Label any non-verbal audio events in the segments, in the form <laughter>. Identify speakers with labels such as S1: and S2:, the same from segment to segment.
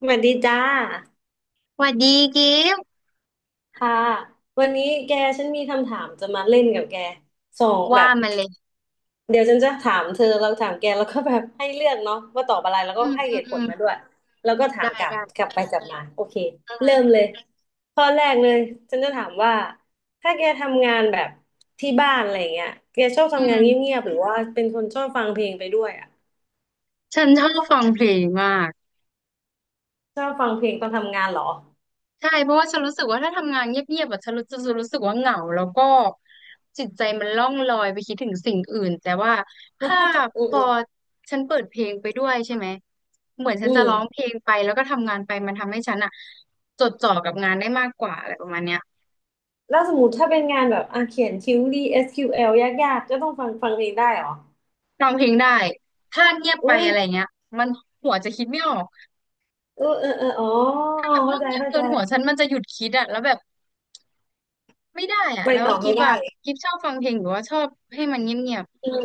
S1: สวัสดีจ้า
S2: สวัสดีกิฟต์
S1: ค่ะวันนี้แกฉันมีคำถามจะมาเล่นกับแกสองแบ
S2: ว่า
S1: บ
S2: มาเลย
S1: เดี๋ยวฉันจะถามเธอแล้วถามแกแล้วก็แบบให้เลือกเนาะว่าตอบอะไรแล้วก็
S2: อืม
S1: ให้
S2: อื
S1: เห
S2: ม
S1: ตุ
S2: อื
S1: ผล
S2: ม
S1: มาด้วยแล้วก็ถาม
S2: ได้
S1: กลับ
S2: ได้
S1: กลับไปกลับมาโอเค
S2: อื
S1: เริ่
S2: ม
S1: มเลยข้อแรกเลยฉันจะถามว่าถ้าแกทำงานแบบที่บ้านอะไรเงี้ยแกชอบ
S2: อื
S1: ทำงาน
S2: ม
S1: เงียบๆหรือว่าเป็นคนชอบฟังเพลงไปด้วยอ่ะ
S2: ฉันชอบฟังเพลงมาก
S1: ชอบฟังเพลงตอนทำงานเหรอ
S2: ใช่เพราะว่าฉันรู้สึกว่าถ้าทำงานเงียบๆแบบฉันรู้จะรู้สึกว่าเหงาแล้วก็จิตใจมันล่องลอยไปคิดถึงสิ่งอื่นแต่ว่าถ้า
S1: <laughs> อื
S2: พ
S1: ม
S2: อ
S1: อืม
S2: ฉันเปิดเพลงไปด้วยใช่ไหมเหมือนฉั
S1: อื
S2: นจะ
S1: ม
S2: ร้องเพลงไปแล้วก็ทำงานไปมันทำให้ฉันอะจดจ่อกับงานได้มากกว่าอะไรประมาณเนี้ย
S1: แล้วสมมติถ้าเป็นงานแบบอ่ะเขียนคิวรี SQL ยากๆก็ต้องฟังเองได้เหรอ
S2: ร้องเพลงได้ถ้าเงียบ
S1: อุ้
S2: ไป
S1: ย
S2: อะไรเงี้ยมันหัวจะคิดไม่ออก
S1: เออเออเอออ๋อ
S2: แบบห้
S1: เข้า
S2: อง
S1: ใจ
S2: เงียบ
S1: เข้า
S2: เกิ
S1: ใจ
S2: นหัวฉันมันจะหยุดคิดอะแล้วแบบไม่ได้อะ
S1: ไป
S2: แล้ว
S1: ต่อ
S2: กิ
S1: ไม่
S2: ฟ
S1: ได้
S2: อะกิฟชอบฟังเพลงหรือว่าชอบให้มันเงียบ
S1: อืม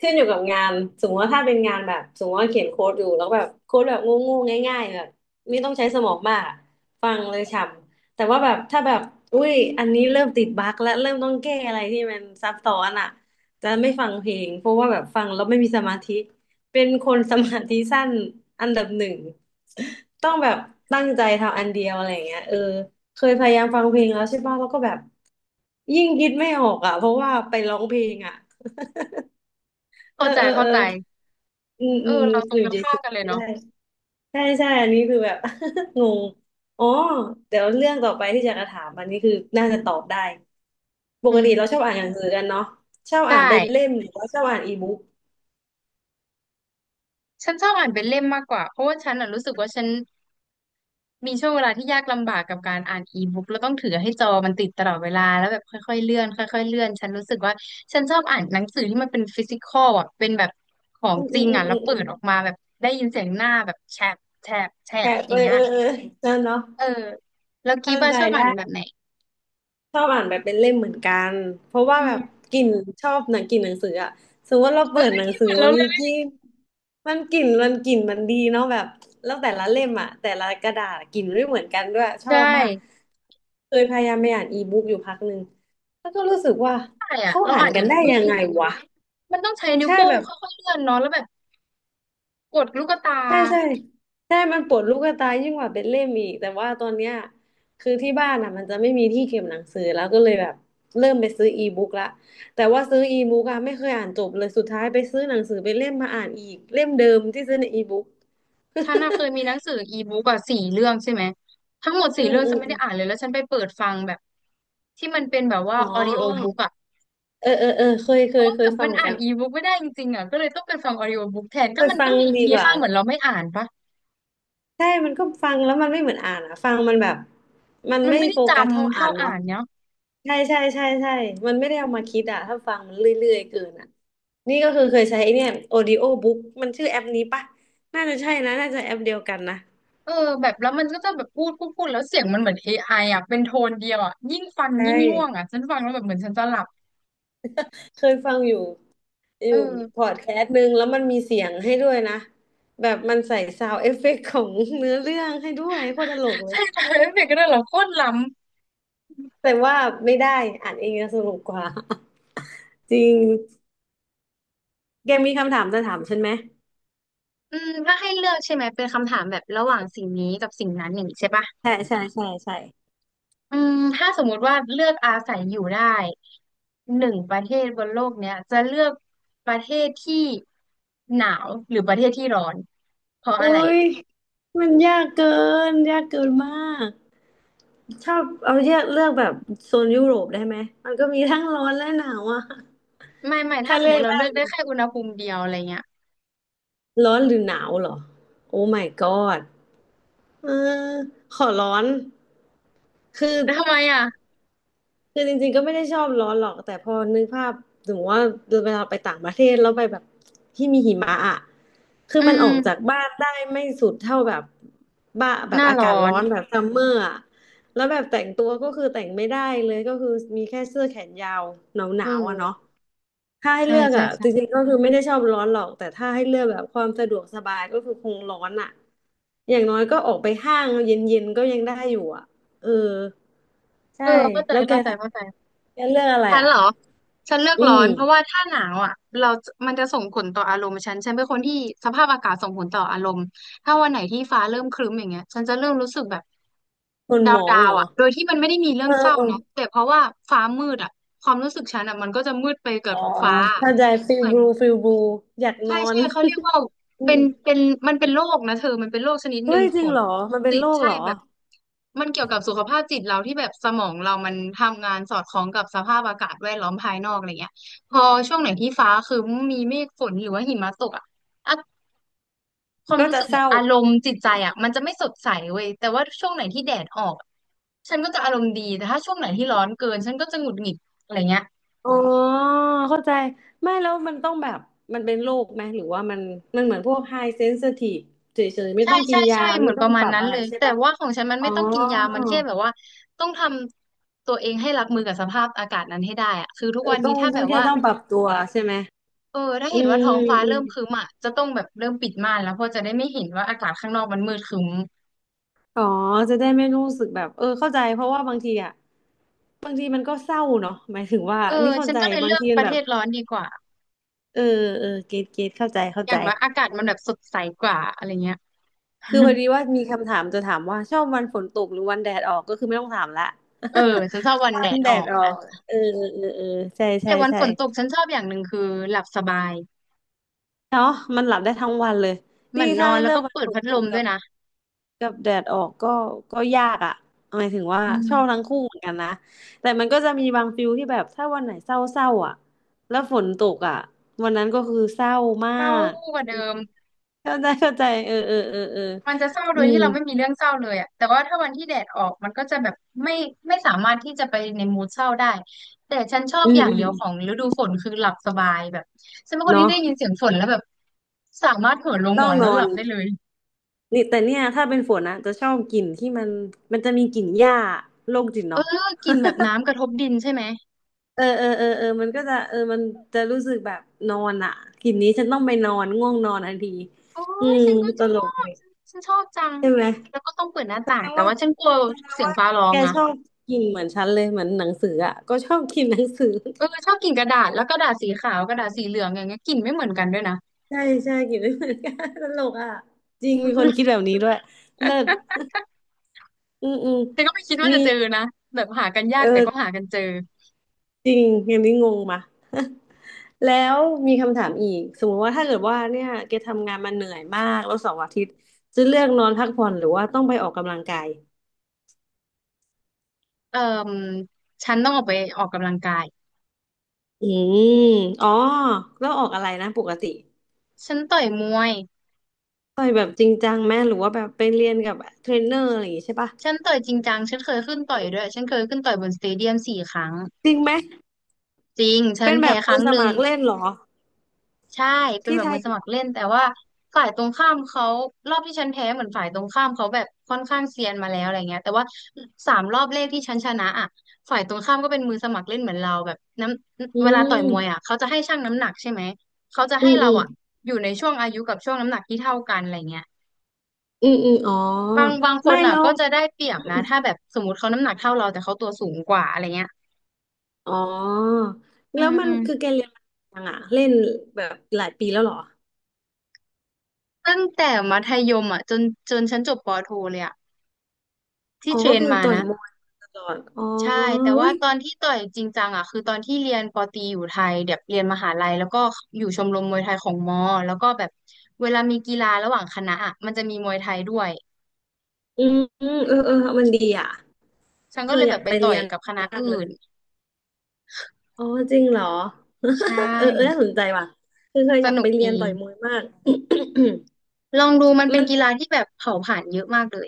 S1: ขึ้นอยู่กับงานสมมติว่าถ้าเป็นงานแบบสมมติว่าเขียนโค้ดอยู่แล้วแบบโค้ดแบบงูงูง่ายๆแบบไม่ต้องใช้สมองมากอะฟังเลยฉ่ำแต่ว่าแบบถ้าแบบอุ้ย
S2: อื
S1: อัน
S2: ม
S1: นี้เริ่มติดบั๊กและเริ่มต้องแก้อะไรที่มันซับซ้อนอ่ะจะไม่ฟังเพลงเพราะว่าแบบฟังแล้วไม่มีสมาธิเป็นคนสมาธิสั้นอันดับหนึ่งต้องแบบตั้งใจทำอันเดียวอะไรอย่างเงี้ยเออเคยพยายามฟังเพลงแล้วใช่ป่ะแล้วก็แบบยิ่งคิดไม่ออกอ่ะเพราะว่าไปร้องเพลงอ่ะ เอ
S2: เข้า
S1: อ
S2: ใจ
S1: เออ
S2: เข้า
S1: เออ
S2: ใจ
S1: อืม
S2: เอ
S1: อื
S2: อ
S1: มอ
S2: เรา
S1: ยู่
S2: ตรงกันข้า
S1: เฉ
S2: ม
S1: ย
S2: กันเล
S1: ๆ
S2: ย
S1: ไม่
S2: เนาะ
S1: ได้ใช่ใช่อันนี้คือแบบ <laughs> งงอ๋อเดี๋ยวเรื่องต่อไปที่จะกระถามอันนี้คือน่าจะตอบได้ ป
S2: อื
S1: กติเราชอ
S2: ม
S1: บอ่านหนังสือกันเนาะชอบ
S2: ใช่
S1: อ่านเป็นเล่มหรือว่าชอบอ่านอีบุ๊ก
S2: ฉันชอบอ่านเป็นเล่มมากกว่าเพราะว่าฉันอะรู้สึกว่าฉันมีช่วงเวลาที่ยากลำบากกับการอ่านอีบุ๊กแล้วต้องถือให้จอมันติดตลอดเวลาแล้วแบบค่อยๆเลื่อนค่อยๆเลื่อนฉันรู้สึกว่าฉันชอบอ่านหนังสือที่มันเป็นฟิสิกอลอะเป็นแบบของ
S1: อืม
S2: จ
S1: อื
S2: ริ
S1: ม
S2: ง
S1: อืม
S2: อะแล้
S1: อื
S2: ว
S1: ม
S2: เปิ
S1: อืม
S2: ดออกมาแบบได้ยินเสียงหน้าแบบแฉบ
S1: แค่
S2: อ
S1: เอ
S2: ย่าง
S1: อ
S2: เงี้ย
S1: เออเออนั่นเนาะ
S2: เออแล้วกี
S1: เข้า
S2: บ้า
S1: ใจ
S2: ชอบอ่า
S1: ได้
S2: นแบบไหน
S1: ชอบอ่านแบบเป็นเล่มเหมือนกัน เพราะว่า
S2: อื
S1: แบบ
S2: ม
S1: กลิ่นชอบหนังกลิ่นหนังสืออะสมมติว่าเราเปิ
S2: เฮ้
S1: ดห
S2: ย
S1: นังสื
S2: เห
S1: อ
S2: มือน
S1: มั
S2: เรา
S1: น
S2: เล
S1: มีก
S2: ย
S1: ลิ่นมันกลิ่นมันดีเนาะแบบแล้วแต่ละเล่มอะแต่ละกระดาษกลิ่นไม่เหมือนกันด้วยชอ
S2: ใช่
S1: บมากเคยพยายามไปอ่านอีบุ๊กอยู่พักหนึ่งแล้วก็รู้สึกว่า
S2: ใช่อะ
S1: เขา
S2: เรา
S1: อ่า
S2: อ่า
S1: น
S2: น
S1: กั
S2: อี
S1: นได้
S2: บุ๊กไม่
S1: ยั
S2: ได้
S1: ง
S2: จ
S1: ไง
S2: ริง
S1: วะ
S2: ๆมันต้องใช้นิ้ว
S1: ใช่
S2: โป้
S1: แบ
S2: ง
S1: บ
S2: ค่อยๆเลื่อนเนาะแล้วแบบกดลูกตา
S1: ใช่ใช่ใช่มันปวดลูกตายิ่งกว่าเป็นเล่มอีกแต่ว่าตอนเนี้ยคือที่บ้านอ่ะมันจะไม่มีที่เก็บหนังสือแล้วก็เลยแบบเริ่มไปซื้ออีบุ๊กละแต่ว่าซื้ออีบุ๊กอะไม่เคยอ่านจบเลยสุดท้ายไปซื้อหนังสือเป็นเล่มมาอ่านอีกเล่มเดิมที่ซื้อในอีบุ๊ก
S2: ฉันอะเคยมีหนังสืออีบุ๊กอะสี่เรื่องใช่ไหมทั้งหมด
S1: <laughs> อื
S2: สี่
S1: ม
S2: เรื่อง
S1: อื
S2: ฉั
S1: ม
S2: นไม่
S1: อ
S2: ได้อ่านเล
S1: ม
S2: ยแล้วฉันไปเปิดฟังแบบที่มันเป็นแบบว่า
S1: อ๋
S2: ออดิโอ
S1: อ
S2: บุ๊กอะ
S1: เออเออเออเคยเค
S2: เพราะ
S1: ย
S2: ว่า
S1: เค
S2: แบ
S1: ย
S2: บ
S1: ฟั
S2: มั
S1: ง
S2: น
S1: เหมือน
S2: อ่า
S1: กั
S2: น
S1: น
S2: อีบุ๊กไม่ได้จริงๆอะก็เลยต้องไปฟังออดิโอบุ๊กแทน
S1: เค
S2: ก็
S1: ย
S2: มัน
S1: ฟั
S2: ก็
S1: ง
S2: มี
S1: ดี
S2: มี
S1: กว่า
S2: ค่าเหมือนเราไม่อ่านปะ
S1: ใช่มันก็ฟังแล้วมันไม่เหมือนอ่านอ่ะฟังมันแบบมัน
S2: มัน
S1: ไม่
S2: ไม่ได้
S1: โฟ
S2: จ
S1: กัสเท่า
S2: ำ
S1: อ่า
S2: เท่า
S1: น
S2: อ่า
S1: เนาะ
S2: นเนาะ
S1: ใช่ใช่ใช่ใช่ มันไม่ได้เอามาคิดอะถ้าฟังมันเรื่อยๆเกินอะนี่ก็คือเคยใช้ไอ้เนี่ย Audio Book มันชื่อแอปนี้ปะน่าจะใช่นะ น่าจะแอปเดียวกันนะ
S2: เออแบบแล้วมันก็จะแบบพูดแล้วเสียงมันเหมือน a ไออ่ะเป็นโทนเดียวอ่ะยิ่งฟัง
S1: ใช
S2: ยิ่งง่วง
S1: ่
S2: อ่ะฉันฟังแล้วแบบเหมือนฉันจะหลับ
S1: เคยฟังอยู่อ
S2: เอ
S1: ยู่พอ
S2: อ
S1: ดแคสต์หนึ่งแล้วมันมีเสียงให้ด้วยนะ แบบมันใส่ซาว n d เอฟเฟกต์ของเนื้อเรื่องให้ด้วยโคตรตลกเลย
S2: ใช่ <laughs> ใช่เด็กก็ได้เหรอโคตรล้ำ
S1: แต่ว่าไม่ได้อ่านเองจะสนุกกว่า <laughs> จริง แกมีคำถามจะถามฉันไหม
S2: อืมถ้าให้เลือกใช่ไหมเป็นคำถามแบบระหว่างสิ่งนี้กับสิ่งนั้นอย่างนี้ใช่ปะ
S1: ใช่ใช่ใช่ใช่
S2: อืมถ้าสมมุติว่าเลือกอาศัยอยู่ได้หนึ่งประเทศบนโลกเนี้ยจะเลือกประเทศที่หนาวหรือประเทศที่ร้อนเพราะอะไร
S1: อุ้ยมันยากเกินมาก ชอบเอาเลือกแบบโซนยุโรปได้ไหม มันก็มีทั้งร้อนและหนาวอะ
S2: ไม่
S1: ถ้า
S2: ถ้าสม
S1: เลื
S2: ม
S1: อก
S2: ติเราเลือก
S1: ได้
S2: ได้แค่อุณหภูมิเดียวอะไรเงี้ย
S1: ร้อนหรือหนาวเหรอ โอ้ my god เออขอร้อน คือ
S2: แล้วทำไมอ่ะ
S1: คือจริงๆก็ไม่ได้ชอบร้อนหรอกแต่พอนึกภาพสมมติว่าเวลาไปต่างประเทศแล้วไปแบบที่มีหิมะอ่ะคือ
S2: อื
S1: มันออกจาก
S2: ม
S1: บ้านได้ไม่สุดเท่าแบบบ้าแบ
S2: ห
S1: บ
S2: น้า
S1: อา
S2: ร้อ
S1: กาศร้
S2: น
S1: อนแบบซัมเมอร์อ่ะแล้วแบบแต่งตัวก็คือแต่งไม่ได้เลยก็คือมีแค่เสื้อแขนยาวห
S2: เ
S1: นาวๆอ่ะเนาะ
S2: ออ
S1: ถ้าให้
S2: ใช่
S1: เลือก
S2: ใช่
S1: อ่ะจ
S2: ใช่
S1: ริงๆก็คือไม่ได้ชอบร้อนหรอกแต่ถ้าให้เลือกแบบความสะดวกสบายก็คือคงร้อนอ่ะอย่างน้อยก็ออกไปห้างเย็นๆก็ยังได้อยู่อ่ะเออใช่
S2: เออเข้าใจ
S1: แล้วแก
S2: เข้าใจ
S1: ถ้า
S2: เข้าใจ
S1: แกเลือกอะไร
S2: ทัน
S1: อ่ะ
S2: เหรอฉันเลือก
S1: อื
S2: ร้อ
S1: ม
S2: นเพราะว่าถ้าหนาวอ่ะเรามันจะส่งผลต่ออารมณ์ฉันฉันเป็นคนที่สภาพอากาศส่งผลต่ออารมณ์ถ้าวันไหนที่ฟ้าเริ่มครึ้มอย่างเงี้ยฉันจะเริ่มรู้สึกแบบ
S1: คนห
S2: ดา
S1: ม
S2: ว
S1: อ
S2: ดา
S1: งเห
S2: ว
S1: รอ
S2: อ่ะโดยที่มันไม่ได้มีเรื่
S1: เอ
S2: อง
S1: อ
S2: เศร้า
S1: เออ
S2: นะแต่เพราะว่าฟ้ามืดอ่ะความรู้สึกฉันอ่ะมันก็จะมืดไปกั
S1: อ๋
S2: บ
S1: อ
S2: ฟ้า
S1: เข้าใจฟิ
S2: เห
S1: ล
S2: มือ
S1: บ
S2: น
S1: ลูฟิลบลูอยากน
S2: ใช่
S1: อน
S2: ใช่เขาเรียกว่า
S1: <laughs> อุ๊
S2: เป็
S1: ย
S2: นเป็นมันเป็นโรคนะเธอมันเป็นโรคชนิดห
S1: เฮ้
S2: นึ่ง
S1: ยจ
S2: ข
S1: ริ
S2: อ
S1: ง
S2: ง
S1: เหรอมันเป็น
S2: จิ
S1: โร
S2: ต
S1: ค
S2: ใช่
S1: เหรอ
S2: แบบ มันเกี่ยวกับสุขภาพจิตเราที่แบบสมองเรามันทำงานสอดคล้องกับสภาพอากาศแวดล้อมภายนอกอะไรเงี้ยพอช่วงไหนที่ฟ้าคือมีเมฆฝนหรือว่าหิมะตกอ่ะอะความ
S1: ก็
S2: รู้
S1: จะ
S2: สึก
S1: เศ
S2: แบบ
S1: ร้า
S2: อารมณ์จิตใจอ่ะมันจะไม่สดใสเว้ยแต่ว่าช่วงไหนที่แดดออกฉันก็จะอารมณ์ดีแต่ถ้าช่วงไหนที่ร้อนเกินฉันก็จะหงุดหงิดอะไรเงี้ย
S1: อ๋อเข้าใจไม่แล้วมันต้องแบบมันเป็นโรคไหมหรือว่ามันมันเหมือนพวกไฮเซนซิทีฟเฉยๆไม่
S2: ใช่
S1: ต้องกิ
S2: ใช่
S1: นยา
S2: ใช่เห
S1: ไม่
S2: มือน
S1: ต้
S2: ป
S1: อง
S2: ระมา
S1: ป
S2: ณ
S1: รับ
S2: นั้น
S1: อะไร
S2: เลย
S1: ใช่
S2: แต่
S1: ปะ
S2: ว่าของฉันมัน
S1: อ๋อ
S2: ไม่ต้องกินยามันแค่แบบว่าต้องทำตัวเองให้รับมือกับสภาพอากาศนั้นให้ได้อะคือทุก
S1: เออ
S2: วัน
S1: ต้
S2: นี้
S1: อง
S2: ถ้า
S1: ต้
S2: แบ
S1: อง
S2: บ
S1: แค่
S2: ว่า
S1: ต้องปรับตัวใช่ไหม
S2: เออถ้า
S1: อื
S2: เห็นว่าท้อ
S1: ม
S2: งฟ้าเริ่มครึ้มอ่ะจะต้องแบบเริ่มปิดม่านแล้วเพราะจะได้ไม่เห็นว่าอากาศข้างนอกมันมืดครึ้ม
S1: อ๋อจะได้ไม่รู้สึกแบบเออเข้าใจเพราะว่าบางทีอ่ะบางทีมันก็เศร้าเนาะหมายถึงว่า
S2: เออ
S1: นี่เข้า
S2: ฉัน
S1: ใจ
S2: ก็เลย
S1: บา
S2: เลื
S1: ง
S2: อก
S1: ที
S2: ป
S1: มัน
S2: ระ
S1: แบ
S2: เท
S1: บ
S2: ศร้อนดีกว่า
S1: เออเออเกตเกตเข้าใจเข้า
S2: อ
S1: ใจ
S2: ย่างน้อยอากาศมันแบบสดใสกว่าอะไรเงี้ย
S1: คือพอดีว่า
S2: <laughs>
S1: มีคำถามจะถามว่าชอบวันฝนตกหรือวันแดดออกก็คือไม่ต้องถามละ
S2: เออฉันชอบวัน
S1: <laughs> วั
S2: แด
S1: น
S2: ด
S1: แด
S2: ออ
S1: ด
S2: ก
S1: ออ
S2: นะ
S1: กเออเออเออเออใช่
S2: แต่
S1: ใช่
S2: วัน
S1: ใช่
S2: ฝนตกฉันชอบอย่างหนึ่งคือหลับสบาย
S1: เนาะมันหลับได้ทั้งวันเลย
S2: เหมื
S1: นี่
S2: อนนอ
S1: ถ้า
S2: น
S1: ให้
S2: แล้ว
S1: เลือ
S2: ก็
S1: กวัน
S2: เปิด
S1: ฝน
S2: พัด
S1: ต
S2: ล
S1: ก
S2: มด้
S1: กั
S2: วย
S1: บ
S2: นะ
S1: กับแดดออกก็ก็ยากอ่ะหมายถึงว่า
S2: อื
S1: ชอบทั้
S2: ม
S1: งคู่เหมือนกันนะ แต่มันก็จะมีบางฟิลที่แบบถ้าวันไหนเศร้าๆอ่ะแล้วฝนตกอ่ะวันนั้นก็คือเศร้ามา
S2: เข้า
S1: ก
S2: กว่าเดิม
S1: เข้าใจเข้าใจเออเออเออเออ
S2: มันจะเศร้าโด
S1: อื
S2: ย
S1: ม
S2: ที่เราไม่มีเรื่องเศร้าเลยอะแต่ว่าถ้าวันที่แดดออกมันก็จะแบบไม่ไม่สามารถที่จะไปในมูดเศร้าได้แต่ฉันชอบ
S1: อื
S2: อ
S1: ม
S2: ย่าง
S1: อื
S2: เดี
S1: ม
S2: ยวของฤดูฝนคือหลับสบายแบบฉันเป็นคนที่
S1: เนาะ
S2: ได้ยินเสียงฝนแล้วแบบสามารถเหินลงหม
S1: ต้อ
S2: อ
S1: ง
S2: น
S1: น
S2: แล้ว
S1: อ
S2: หลั
S1: น
S2: บได้เลย
S1: นี่แต่เนี่ยถ้าเป็นฝนนะจะชอบกลิ่นที่มันมันจะมีกลิ่นหญ้าโรคจิต
S2: เออ
S1: เนาะ
S2: กลิ่นแบบน้ำกระทบดินใช่ไหม
S1: เออเออเออเออมันก็จะเออมันจะรู้สึกแบบนอนอ่ะกลิ่นนี้ฉันต้องไปนอนง่วงนอนทันที
S2: โอ้
S1: อื
S2: ย
S1: ม
S2: ฉันก็
S1: ต
S2: ชอ
S1: ลกเล
S2: บ
S1: ย
S2: ฉันชอบจัง
S1: ใช่ไหม
S2: แล้วก็ต้องเปิดหน้า
S1: แส
S2: ต่าง
S1: ดง
S2: แต่
S1: ว่า
S2: ว่าฉันกลัว
S1: แสดง
S2: เสียง
S1: ว่า
S2: ฟ้าร้อ
S1: แก
S2: งนะ
S1: ชอบกลิ่นเหมือนฉันเลยเหมือนหนังสืออ่ะก็ชอบกลิ่นหนังสือ
S2: เออชอบกลิ่นกระดาษแล้วกระดาษสีขาวกระดาษสีเหลืองอย่างเงี้ยกลิ่นไม่เหมือนกันด้วยนะ
S1: ใช่ใช่กลิ่นไม่เหมือนกันตลกอ่ะจริงมีคนคิดแบบนี้ด้วยเลิศอืมอืม
S2: แต่ก็ไม่คิดว่า
S1: มี
S2: จะเจอนะแบบหากันยาก
S1: เอ
S2: แต่ก็หา
S1: อ
S2: กันเจอ
S1: จริงอย่างนี้งงมา แล้วมีคำถามอีกสมมติว่าถ้าเกิดว่าเนี่ยแกทำงานมาเหนื่อยมากแล้วเสาร์อาทิตย์จะเลือกนอนพักผ่อนหรือว่าต้องไปออกกำลังกาย
S2: เอ่อฉันต้องออกไปออกกำลังกาย
S1: อืมอ๋อแล้วออกอะไรนะปกติ
S2: ฉันต่อยมวย
S1: ต่อยแบบจริงจังไหมหรือว่าแบบไปเรียนกับเทรนเนอร์อะไรอย่างงี้ใช่ปะ
S2: ฉันต่อยจริงจังฉันเคยขึ้นต่อยด้วย ฉันเคยขึ้นต่อยบนสเตเดียมสี่ครั้ง
S1: จริงไหม
S2: จริง ฉั
S1: เป็
S2: น
S1: นแบ
S2: แพ้
S1: บ
S2: ค
S1: มื
S2: รั้
S1: อ
S2: ง
S1: ส
S2: หนึ่
S1: มั
S2: ง
S1: ครเล่นเหรอ
S2: ใช่เป็น
S1: ที่
S2: แบบ
S1: ไท
S2: มื
S1: ย
S2: อส
S1: เหร
S2: มั
S1: อ
S2: ครเล่นแต่ว่าฝ่ายตรงข้ามเขารอบที่ฉันแพ้เหมือนฝ่ายตรงข้ามเขาแบบค่อนข้างเซียนมาแล้วอะไรเงี้ยแต่ว่าสามรอบแรกที่ฉันชนะอ่ะฝ่ายตรงข้ามก็เป็นมือสมัครเล่นเหมือนเราแบบน้
S1: อื
S2: ำเวลา
S1: ม
S2: ต่อยมวยอ่ะเขาจะให้ชั่งน้ำหนักใช่ไหมเขาจะ
S1: อื
S2: ให้
S1: ม
S2: เรา
S1: อืม
S2: อ่ะอยู่ในช่วงอายุกับช่วงน้ำหนักที่เท่ากันอะไรเงี้ย
S1: อืมอืมอ๋อ
S2: บางคน
S1: ไม่
S2: อ่ะ
S1: แล้ว
S2: ก็จะได้เปรียบนะถ้าแบบสมมติเขาน้ำหนักเท่าเราแต่เขาตัวสูงกว่าอะไรเงี้ย
S1: อ๋อ
S2: อื
S1: แล้ว
S2: ม
S1: มั
S2: อื
S1: น
S2: ม
S1: คือแกเรียนมายังอ่ะเล่นแบบหลายปีแล้วเหรอ
S2: ตั้งแต่มัธยมอ่ะจนฉันจบปอโทเลยอ่ะที่
S1: อ๋อ
S2: เทร
S1: ก็
S2: น
S1: คือ
S2: มา
S1: ต่อย
S2: นะ
S1: มวยตลอดอ๋อ
S2: ใช่แต่
S1: อุ้
S2: ว่า
S1: ย
S2: ตอนที่ต่อยจริงจังอ่ะคือตอนที่เรียนปอตรีอยู่ไทยแบบเรียนมหาลัยแล้วก็อยู่ชมรมมวยไทยของมอแล้วก็แบบเวลามีกีฬาระหว่างคณะอ่ะมันจะมีมวยไทยด้วย
S1: อืมอืมเออเออ มันดีอ่ะ
S2: ฉัน
S1: เค
S2: ก็เล
S1: ย
S2: ย
S1: อ
S2: แบ
S1: ยาก
S2: บไป
S1: ไป
S2: ต่อ
S1: เรี
S2: ย
S1: ยน
S2: กับคณะ
S1: มาก
S2: อื่
S1: เลย
S2: น
S1: อ๋อจริงเหรอ
S2: ใช่
S1: <laughs> เออเออน่าสนใจว่ะคือเคย
S2: ส
S1: อยาก
S2: นุ
S1: ไป
S2: ก
S1: เรี
S2: ดี
S1: ยนต่อยมวยมาก <coughs>
S2: ลองดูมันเป็
S1: มั
S2: น
S1: น
S2: กีฬาที่แบบเผาผลาญเยอะมากเลย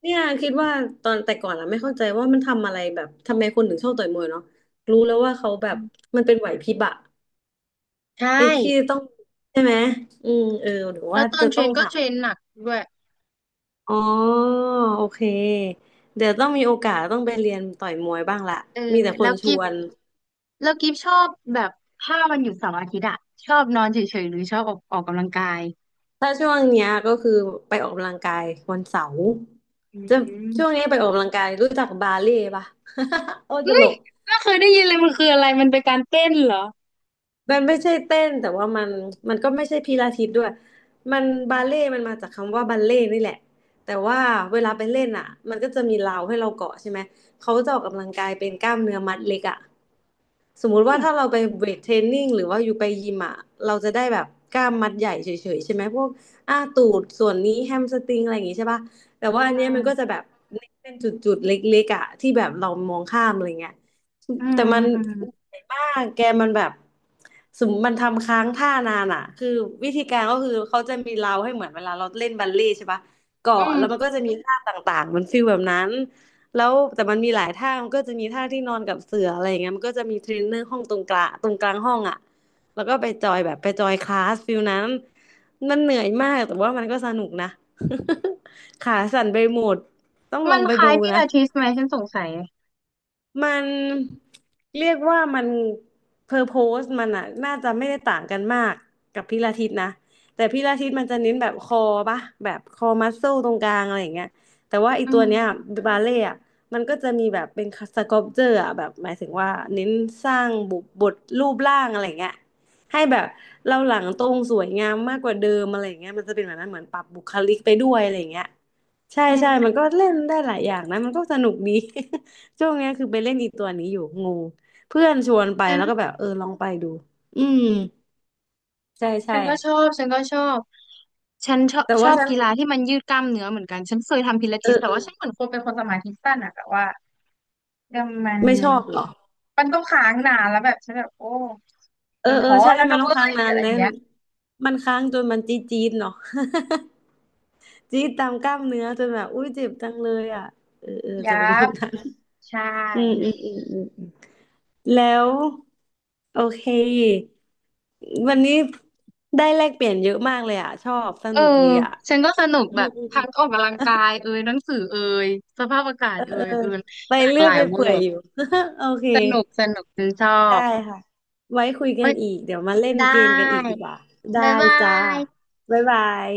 S1: เนี่ยคิดว่าตอนแต่ก่อนอะไม่เข้าใจว่ามันทำอะไรแบบทำไมคนถึงชอบต่อยมวยเนาะรู้แล้วว่าเขาแบบมันเป็นไหวพริบอะ
S2: ใช่
S1: ไอ้ที่ต้องใช่ไหมอืมเออหรือ
S2: แล้
S1: ว่า
S2: วตอน
S1: จะ
S2: เทร
S1: ต้อง
S2: นก็
S1: หา
S2: เทรนหนักด้วย
S1: อ๋อโอเคเดี๋ยวต้องมีโอกาสต้องไปเรียนต่อยมวยบ้างละ
S2: เออ
S1: มีแต่ค
S2: แล้
S1: น
S2: ว
S1: ช
S2: กิฟ
S1: วน
S2: แล้วกิฟชอบแบบถ้าวันหยุดเสาร์อาทิตย์อะชอบนอนเฉยๆหรือชอบออกกำลังกาย
S1: ถ้าช่วงเนี้ยก็คือไปออกกำลังกายวันเสาร์
S2: อื
S1: จะช่วงนี้
S2: ม
S1: ไปออกกำลังกายรู้จักบาเล่ปะ <laughs> โอ้ตลก
S2: ไม่เคยได้ยินเลยมันคืออะไรมันเป็นการเต้นเหรอ
S1: มันไม่ใช่เต้นแต่ว่ามันมันก็ไม่ใช่พิลาทิสด้วยมันบาเล่ต์มันมาจากคำว่าบัลเล่ต์นี่แหละแต่ว่าเวลาไปเล่นอ่ะมันก็จะมีราวให้เราเกาะใช่ไหมเขาจะออกกำลังกายเป็นกล้ามเนื้อมัดเล็กอ่ะสมมุติว่าถ้าเราไปเวทเทรนนิ่งหรือว่าอยู่ไปยิมอ่ะเราจะได้แบบกล้ามมัดใหญ่เฉยๆใช่ไหมพวกอ่าตูดส่วนนี้แฮมสตริงอะไรอย่างงี้ใช่ป่ะแต่ว่าอัน
S2: อื
S1: เนี้ยมันก็จะ
S2: ม
S1: แบบเป็นจุดๆเล็กๆอ่ะที่แบบเรามองข้ามอะไรเงี้ย
S2: อื
S1: แต่
S2: ม
S1: มัน
S2: อืมอืม
S1: เหนื่อยมากแกมันแบบสมมติมันทำค้างท่านานอ่ะคือวิธีการก็คือเขาจะมีเราให้เหมือนเวลาเราเล่นบัลเล่ต์ใช่ปะ
S2: อื
S1: เกาะแล้วมัน
S2: ม
S1: ก็จะมีท่าต่างๆมันฟีลแบบนั้นแล้วแต่มันมีหลายท่ามันก็จะมีท่าที่นอนกับเสืออะไรอย่างเงี้ยมันก็จะมีเทรนเนอร์ห้องตรงกลางห้องอ่ะแล้วก็ไปจอยแบบไปจอยคลาสฟีลนั้นมันเหนื่อยมากแต่ว่ามันก็สนุกนะ <laughs> ขาสั่นไปหมดต้องล
S2: มั
S1: อง
S2: น
S1: ไป
S2: คล้าย
S1: ดู
S2: พิ
S1: นะ
S2: ลาทิสไหมฉันสงสัย
S1: มันเรียกว่ามันเพอร์โพสมันอะน่าจะไม่ได้ต่างกันมากกับพิลาทิสนะแต่พิลาทิสมันจะเน้นแบบคอปะแบบคอมัสเซลตรงกลางอะไรอย่างเงี้ยแต่ว่าไอี
S2: อื
S1: ตัวเนี้ย
S2: ม
S1: บาเล่อะมันก็จะมีแบบเป็นสก u ล p เจอร์อะแบบหมายถึงว่าเน้นสร้างบุบทรูปร่างอะไรอย่างเงี้ยให้แบบเราหลังตรงสวยงามมากกว่าเดิมอะไรอย่างเงี้ยมันจะเป็นแบบนั้นเหมือนปรับบุคลิกไปด้วยอะไรอย่างเงี้ยใช่
S2: อื
S1: ใช่มัน
S2: ม
S1: ก็เล่นได้หลายอย่างนะมันก็สนุกดี ช่วงเนี้ยคือไปเล่นอีตัวนี้อยู่งูเพื่อนชวนไป
S2: ฉัน
S1: แล้วก็แบบเออลองไปดูอืมใช่
S2: ฉั
S1: ใช่
S2: นก็ชอบฉันก็ชอบฉันชอบ
S1: แต่
S2: ช
S1: ว่า
S2: อบ
S1: ฉัน
S2: กีฬาที่มันยืดกล้ามเนื้อเหมือนกันฉันเคยทำพิลา
S1: เอ
S2: ทิส
S1: อ
S2: แต่
S1: เอ
S2: ว่าฉัน
S1: อ
S2: เหมือนคนเป็นคนสมาธิสั้นอะแต่ว่าเดี๋ยวมัน
S1: ไม่ชอบเหรอ
S2: มันต้องค้างนานแล้วแบบฉันแบบโอ้
S1: เออ
S2: ฉัน
S1: เออ
S2: ท้อ
S1: ใช่
S2: แล้ว
S1: มัน
S2: นะ
S1: ต้อง
S2: เว้
S1: ค้าง
S2: ย
S1: นา
S2: อะ
S1: น
S2: ไรอ
S1: แล้
S2: ย่า
S1: ว
S2: งเงี้ย
S1: มันค้างจนมันจี๊ดจี๊ดเนาะ <laughs> จี๊ดตามกล้ามเนื้อจนแบบอุ้ยเจ็บจังเลยอ่ะเออเออจะ
S2: ยั
S1: เป็นแบ
S2: บ
S1: บนั้น
S2: ใช่
S1: อืมอืมอืมอืมอืมแล้วโอเควันนี้ได้แลกเปลี่ยนเยอะมากเลยอ่ะชอบส
S2: เออ
S1: นุกดีอ่ะ
S2: ฉันก็สนุก
S1: อื
S2: แบ
S1: ม
S2: บ
S1: อืม
S2: ทั้งออกกำลังกายเอยหนังสือเอยสภาพอากาศ
S1: เออ
S2: เอยเอย
S1: ไป
S2: หลาก
S1: เรื่
S2: ห
S1: อย
S2: ลาย
S1: ไป
S2: เวอ
S1: เปื่อย
S2: ร์
S1: อยู่ <laughs> โอเค
S2: สนุกสนุกฉันชอ
S1: ได้
S2: บ
S1: ค่ะไว้คุย
S2: เอ้
S1: กัน
S2: ย
S1: อีกเดี๋ยวมาเล่น
S2: ได
S1: เกมกันอีกดี
S2: ้
S1: กว่าได้
S2: บ๊ายบา
S1: จ้า
S2: ย
S1: บ๊ายบาย